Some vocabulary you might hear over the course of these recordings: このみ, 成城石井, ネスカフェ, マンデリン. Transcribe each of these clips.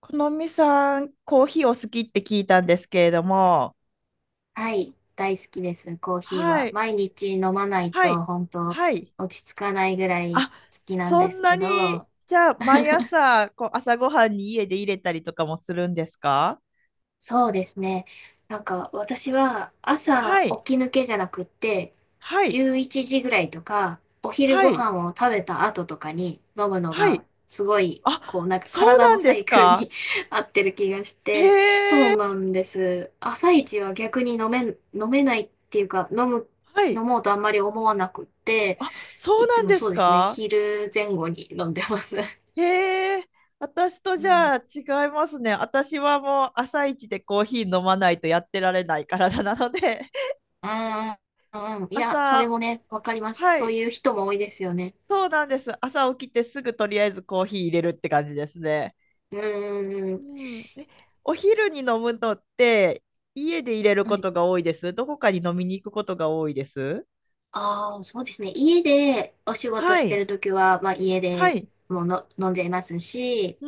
このみさん、コーヒーお好きって聞いたんですけれども、はい、大好きです、コーヒーはは。い、毎日飲まないはと、い、本当はい。落ち着かないぐらい好あ、きなんそでんすなけに、ど、じゃあ、毎朝、朝ごはんに家で入れたりとかもするんですか？そうですね。なんか、私はは朝い、起き抜けじゃなくって、はい、11時ぐらいとか、お昼はごい、飯を食べた後とかに飲むのはが、い。すごい、あ、こう、なんかそう体なのんでサイすクルか？に 合ってる気がしへて、そえ、うなんです。朝一は逆に飲めないっていうか、は飲い。もうとあんまり思わなくって、そういつなんもですそうですね。か？昼前後に飲んでます。はへえ、私とじい。ゃあ違いますね。私はもう朝一でコーヒー飲まないとやってられない体なので。ああ、うん。いや、それ朝もね、わかります。はそうい、いう人も多いですよね。そうなんです。朝起きてすぐとりあえずコーヒー入れるって感じですね。うんうんうん。うん。え、お昼に飲むのって家で入れるはこい。とが多いです。どこかに飲みに行くことが多いです。ああ、そうですね。家でお仕事はしてい。るときは、まあ家はでい。もうの飲んじゃいますし、う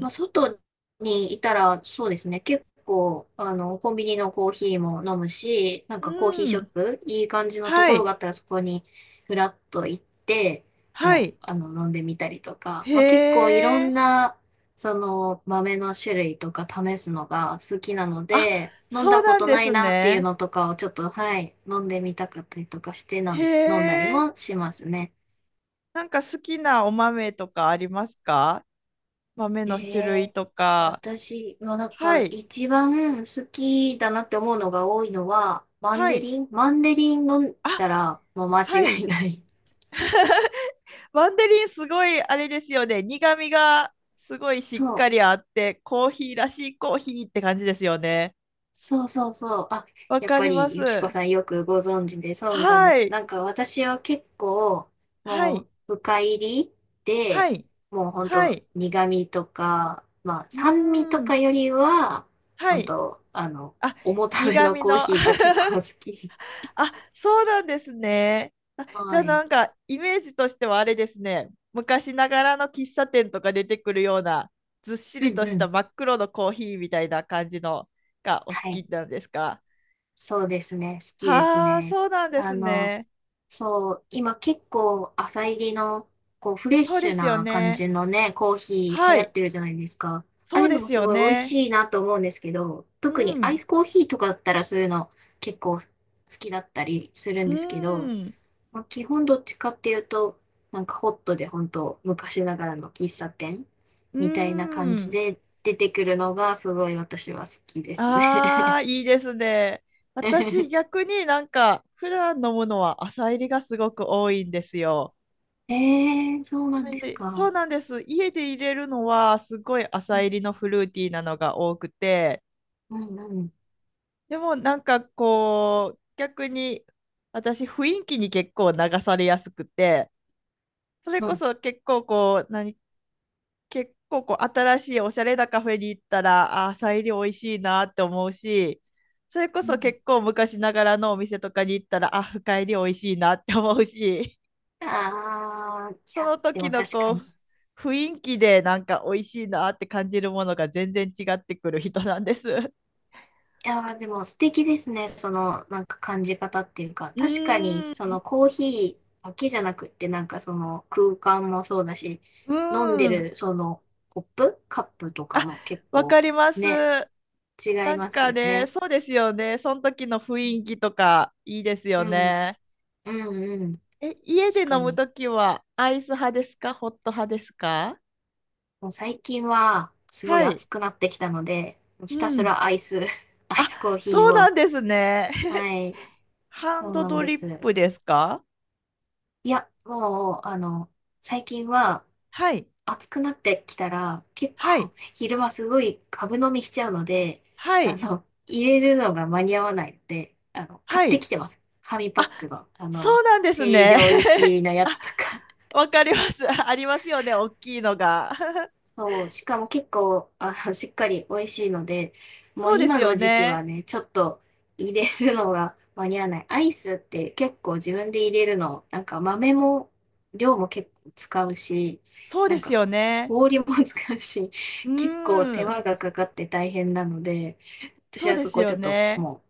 まあん。外にいたら、そうですね。結構、コンビニのコーヒーも飲むし、なんかコーヒーうショッん。プ、いい感じのとはころがい。あったらそこにふらっと行って、はもう、い。飲んでみたりとか、へまあ結構いろんえ。なその豆の種類とか試すのが好きなのあ、で、飲んそうだこなんとでないすなっていうね。のとかをちょっと、はい、飲んでみたかったりとかしてへな、飲んだりえ。もしますね。なんか好きなお豆とかありますか？豆えの種類え、とか。私はなんはかい。一番好きだなって思うのが多いのは、マンはデい。リンマンデリン飲んあ、だらもう間は違い。いない。マンデリンすごいあれですよね。苦味がすごいしそっかう。りあって、コーヒーらしいコーヒーって感じですよね。そうそうそう。あ、わやっかぱりまりゆきこす。さんよくご存知で、そうなんではす。い。なんか私は結構、はもう、い。深入りはで、い。もうほんはとい。苦味とか、まあう酸味ーとかん。よりは、はほんい。と、あ、重ため苦の味コーの。ヒーが 結構好き。そうなんですね。じゃはあい。なんかイメージとしてはあれですね。昔ながらの喫茶店とか出てくるようなずっしうりんとうしたん。真っ黒のコーヒーみたいな感じのがお好はきい。なんですか？そうですね。好きですはあ、ね。そうなんであすの、ね。そう、今結構浅入りの、こう、フレッそうシでュすよな感ね。じのね、コーヒー流は行っい。てるじゃないですか。ああそういうでのもすすよごい美味ね。しいなと思うんですけど、う特にアイん。スコーヒーとかだったらそういうの結構好きだったりするんうですけど、ん。まあ、基本どっちかっていうと、なんかホットで本当昔ながらの喫茶店うみたいな感じん。で出てくるのがすごい私は好きですね。 ああ、いいですね。私、逆になんか、普段飲むのは朝入りがすごく多いんですよ。そうなんなんですで、そか。うなんです。家で入れるのは、すごいう朝入ん、りのフルーティーなのが多くて、うん、うん。でもなんかこう、逆に、私、雰囲気に結構流されやすくて、それうこんそ結構こう、何、結構こう、新しいおしゃれなカフェに行ったら、あー、サイリ美味しいなって思うし、それこうそん。結構昔ながらのお店とかに行ったら、深入り美味しいなって思うし、ああ、いそや、ので時もの確こかに。いう、雰囲気でなんか美味しいなって感じるものが全然違ってくる人なんです。うやー、でも素敵ですね。その、なんか感じ方っていうか、確かに、ーそのん、コーヒーだけじゃなくって、なんかその空間もそうだし、う飲んでーん。るそのコップ、カップとかあ、も結わ構かります。ね、違いなんますかよね、ね。そうですよね。その時の雰囲気とかいいですうよん、ね。うんうん、え、家で確か飲むに。ときはアイス派ですかホット派ですか？もう最近はすごいはい。暑くなってきたので、うひたすん。らアイス、アイあ、スコーヒーそうなを、んですね。はい、ハンそうドなんドでリッす。プですか？いや、もう、最近ははい。暑くなってきたら、結は構 い。昼間すごい株飲みしちゃうので、はい。入れるのが間に合わないので、買っはてきい。てます。紙パッあ、クの、そうなんです成ね。城石 井のやあ、つとか。わかります。ありますよね。大きいのが。そう、しかも結構、しっかり美味しいので、もうそうです今よの時期ね。はね、ちょっと入れるのが間に合わない。アイスって結構自分で入れるの、なんか豆も、量も結構使うし、そうなでんすかよね。氷も 使うし、う 結構ー手ん。間がかかって大変なので、私そうはでそすこよちょっとね。もう、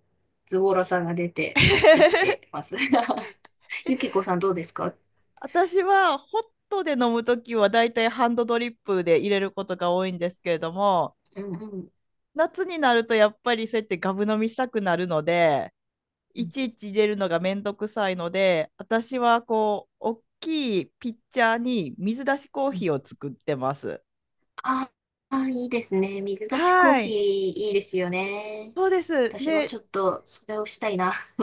ズボラさが出て買ってきて ます。ゆきこさんどうですか？私はホットで飲むときはだいたいハンドドリップで入れることが多いんですけれども、うんうん。夏になるとやっぱりそうやってガブ飲みしたくなるので、いうちいち入れるのがめんどくさいので、私はこう、大きいピッチャーに水出しコーヒーん。を作ってます。ああ、いいですね。水出しコーはヒーい。いいですよね。そうです。私もで、ちょっとそれをしたいな。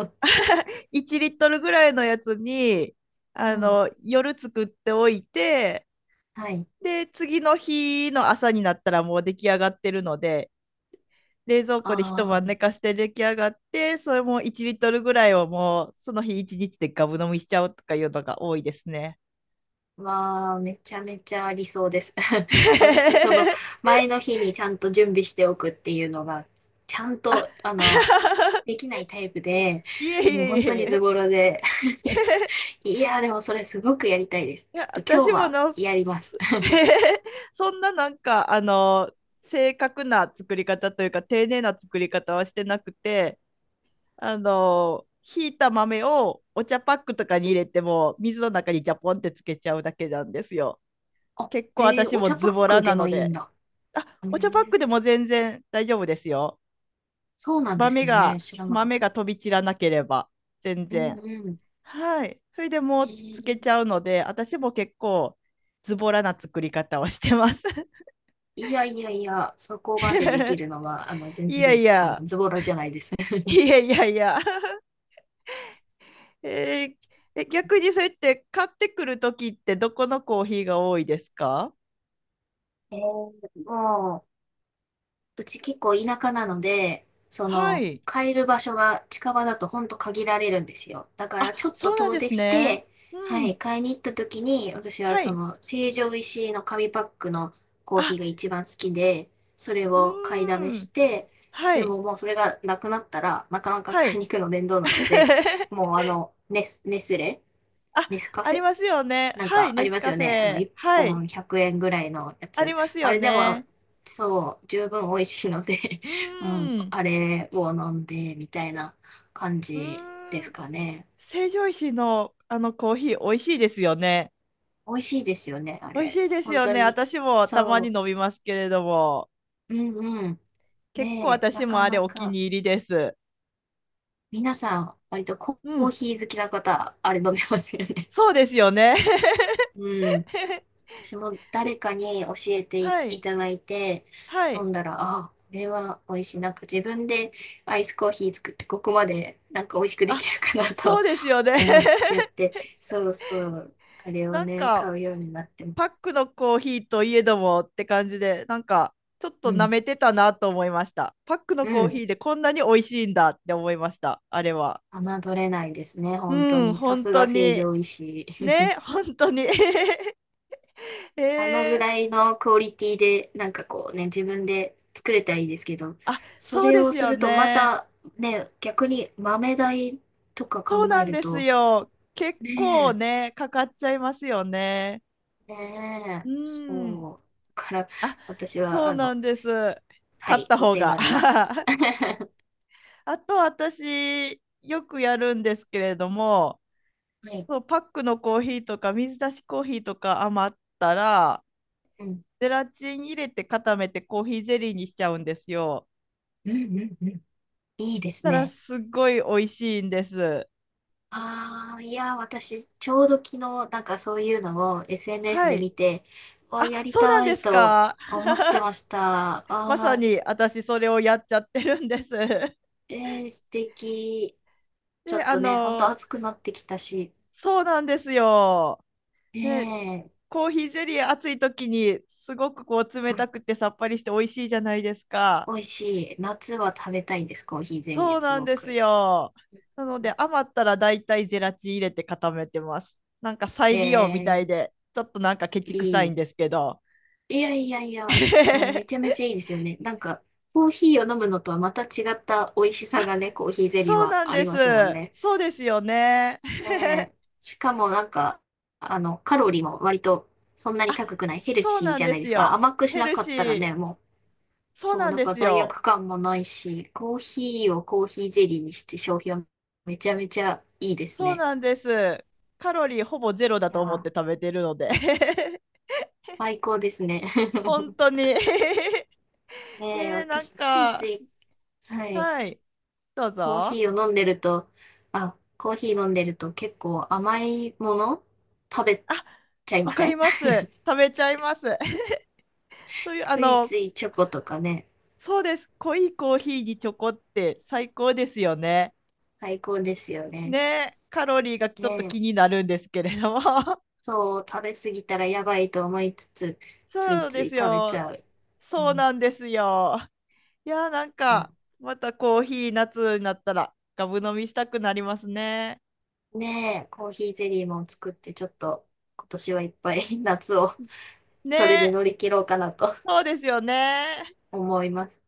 1リットルぐらいのやつに、うん。夜作っておいて、はい。で、次の日の朝になったらもう出来上がってるので、冷蔵庫で一晩寝あかして出来上がってそれも1リットルぐらいをもうその日1日でガブ飲みしちゃうとかいうのが多いですね。あ、わあ、めちゃめちゃ理想です。私、その、前の日にちゃんと準備しておくっていうのが、ちゃんあ と、できないタイプで、いえいもうえ本いえ当にいズえ、ボラで。いやー、でもそれすごくやりたいです。いちやょっと今私日もはな やります。そんな正確な作り方というか丁寧な作り方はしてなくてひいた豆をお茶パックとかに入れても水の中にジャポンってつけちゃうだけなんですよ。あ、結構えー、私おも茶パズッボラクでなのもいいんで、だ。へお茶パックでー、も全然大丈夫ですよ。そうなんで豆すね。が、知らなかっ豆た。が飛び散らなければ、全うん然。うん。はい。それでもえうつけー、ちゃうので、私も結構ズボラな作り方をしてます。いやいやいや、そこまででき るのは、全いや然、いや、ズボラじゃないですね。いやいやいや。えー、え、逆にそうやって買ってくるときってどこのコーヒーが多いですか？えーもうち結構田舎なので、そはの、い。買える場所が近場だとほんと限られるんですよ。だからちょっとそうなん遠で出すしね。て、うはい、ん。買いに行った時に、私ははそい。の、成城石井の紙パックのコーヒあ、ーが一番好きで、それうを買いだーめしん。て、はでい。ももうそれがなくなったら、なかなかは買いい。に行くの面倒なので、もうあ、ネスカあフりェますよね。なんはい、かあネりスますカよフね。ェ。1はい、本100円ぐらいのやありつ。ますあよれでも、ね。そう、十分美味しいので う うん、ーん、あれを飲んで、みたいな感うじでーすん、かね。成城石井のあのコーヒー、美味しいですよね。美味しいですよね、あ美味しれ。いです本よ当ね。に。私もたまにそ飲みますけれども、う。うんうん。結構で、な私もかあれなお気か、に入りです。皆さん、割とコうーん、ヒー好きな方、あれ飲んでますよね。そうですよね。うん。私も誰かに教え てはい、いただいては飲い。んだら、あ、これは美味しい。なんか自分でアイスコーヒー作ってここまでなんか美味しくであ、きるかなそと うですよね。思っちゃって、そうそう、あれ をなんね、買か、うようになっても、パックのコーヒーといえどもって感じで、なんかちょっうと舐ん、めてたなと思いました。パックのうコーヒん、ーでこんなに美味しいんだって思いました、あれは。侮れないですね、本当うん、に。さ本す当が成に。城石井。ね、本当に。えあのぐえ、らいのクオリティで、なんかこうね、自分で作れたらいいですけど、そそうれでをすすよるとまね。たね、逆に豆代とかそう考なえんるですと、よ。結構ねね、かかっちゃいますよね。え、ねうえ、ん。そう。だから、あ、私は、そうなんです。は買っい、たお方手が。軽な。はあと私、よくやるんですけれども、い。そうパックのコーヒーとか水出しコーヒーとか余ったらうん。ゼラチン入れて固めてコーヒーゼリーにしちゃうんですよ。うんうんうん。いいそしですたらね。すっごい美味しいんです。ああ、いや、私、ちょうど昨日、なんかそういうのを SNS はでい。見て、わ、やりそうなんたでいすとか。思ってました。あまさあ、に私それをやっちゃってるんです。えー、素敵。ちょで、っとね、ほんと暑くなってきたし、そうなんですよ。ね、ねえ、コーヒーゼリー暑い時にすごくこう冷うたん、くてさっぱりして美味しいじゃないですか。美味しい。夏は食べたいんです、コーヒーゼリそうー、すなんごですく。よ。なので余ったらだいたいゼラチン入れて固めてます。なんか再利用みたいえ、で、ちょっとなんかケチくいさいんい。ですけど。いやいやいや、もうめちゃ めちゃいいですよね。なんか、コーヒーを飲むのとはまた違った美味しさがね、コーヒーゼリーそうはなんあでりす。ますもんね。そうですよね。ねえ、しかもなんか、カロリーも割とそんなにあ、高くない、ヘルそうシーなんじゃでないですすよ。か。甘くしヘなルかシったらー。ね、もう、そうそう、なんなんでかす罪よ。悪感もないし、コーヒーをコーヒーゼリーにして消費はめちゃめちゃいいですそうね。なんです。カロリーほぼゼロだいやと思っー、て食べてるので。最高ですね。本当 に。ねえ、えー、なん私、ついつか、い、はい。はい。どうコーぞ。ヒーを飲んでると、コーヒー飲んでると結構甘いもの食べあ、ちゃいまわかせりん？ ます。食べちゃいます。そうい うあついのついチョコとかね、そうです濃いコーヒーにチョコって最高ですよね。最高ですよね。ねカロリーがちねょっとえ、気になるんですけれども そう、食べ過ぎたらやばいと思いつつ、ついそうつでいす食べちよ、ゃう。うそうん、なんですよ。いやなんいや、かまたコーヒー夏になったらガブ飲みしたくなりますね。ねえ、コーヒーゼリーも作ってちょっと今年はいっぱい 夏をねそれで乗り切ろうかなとそうですよね。思います。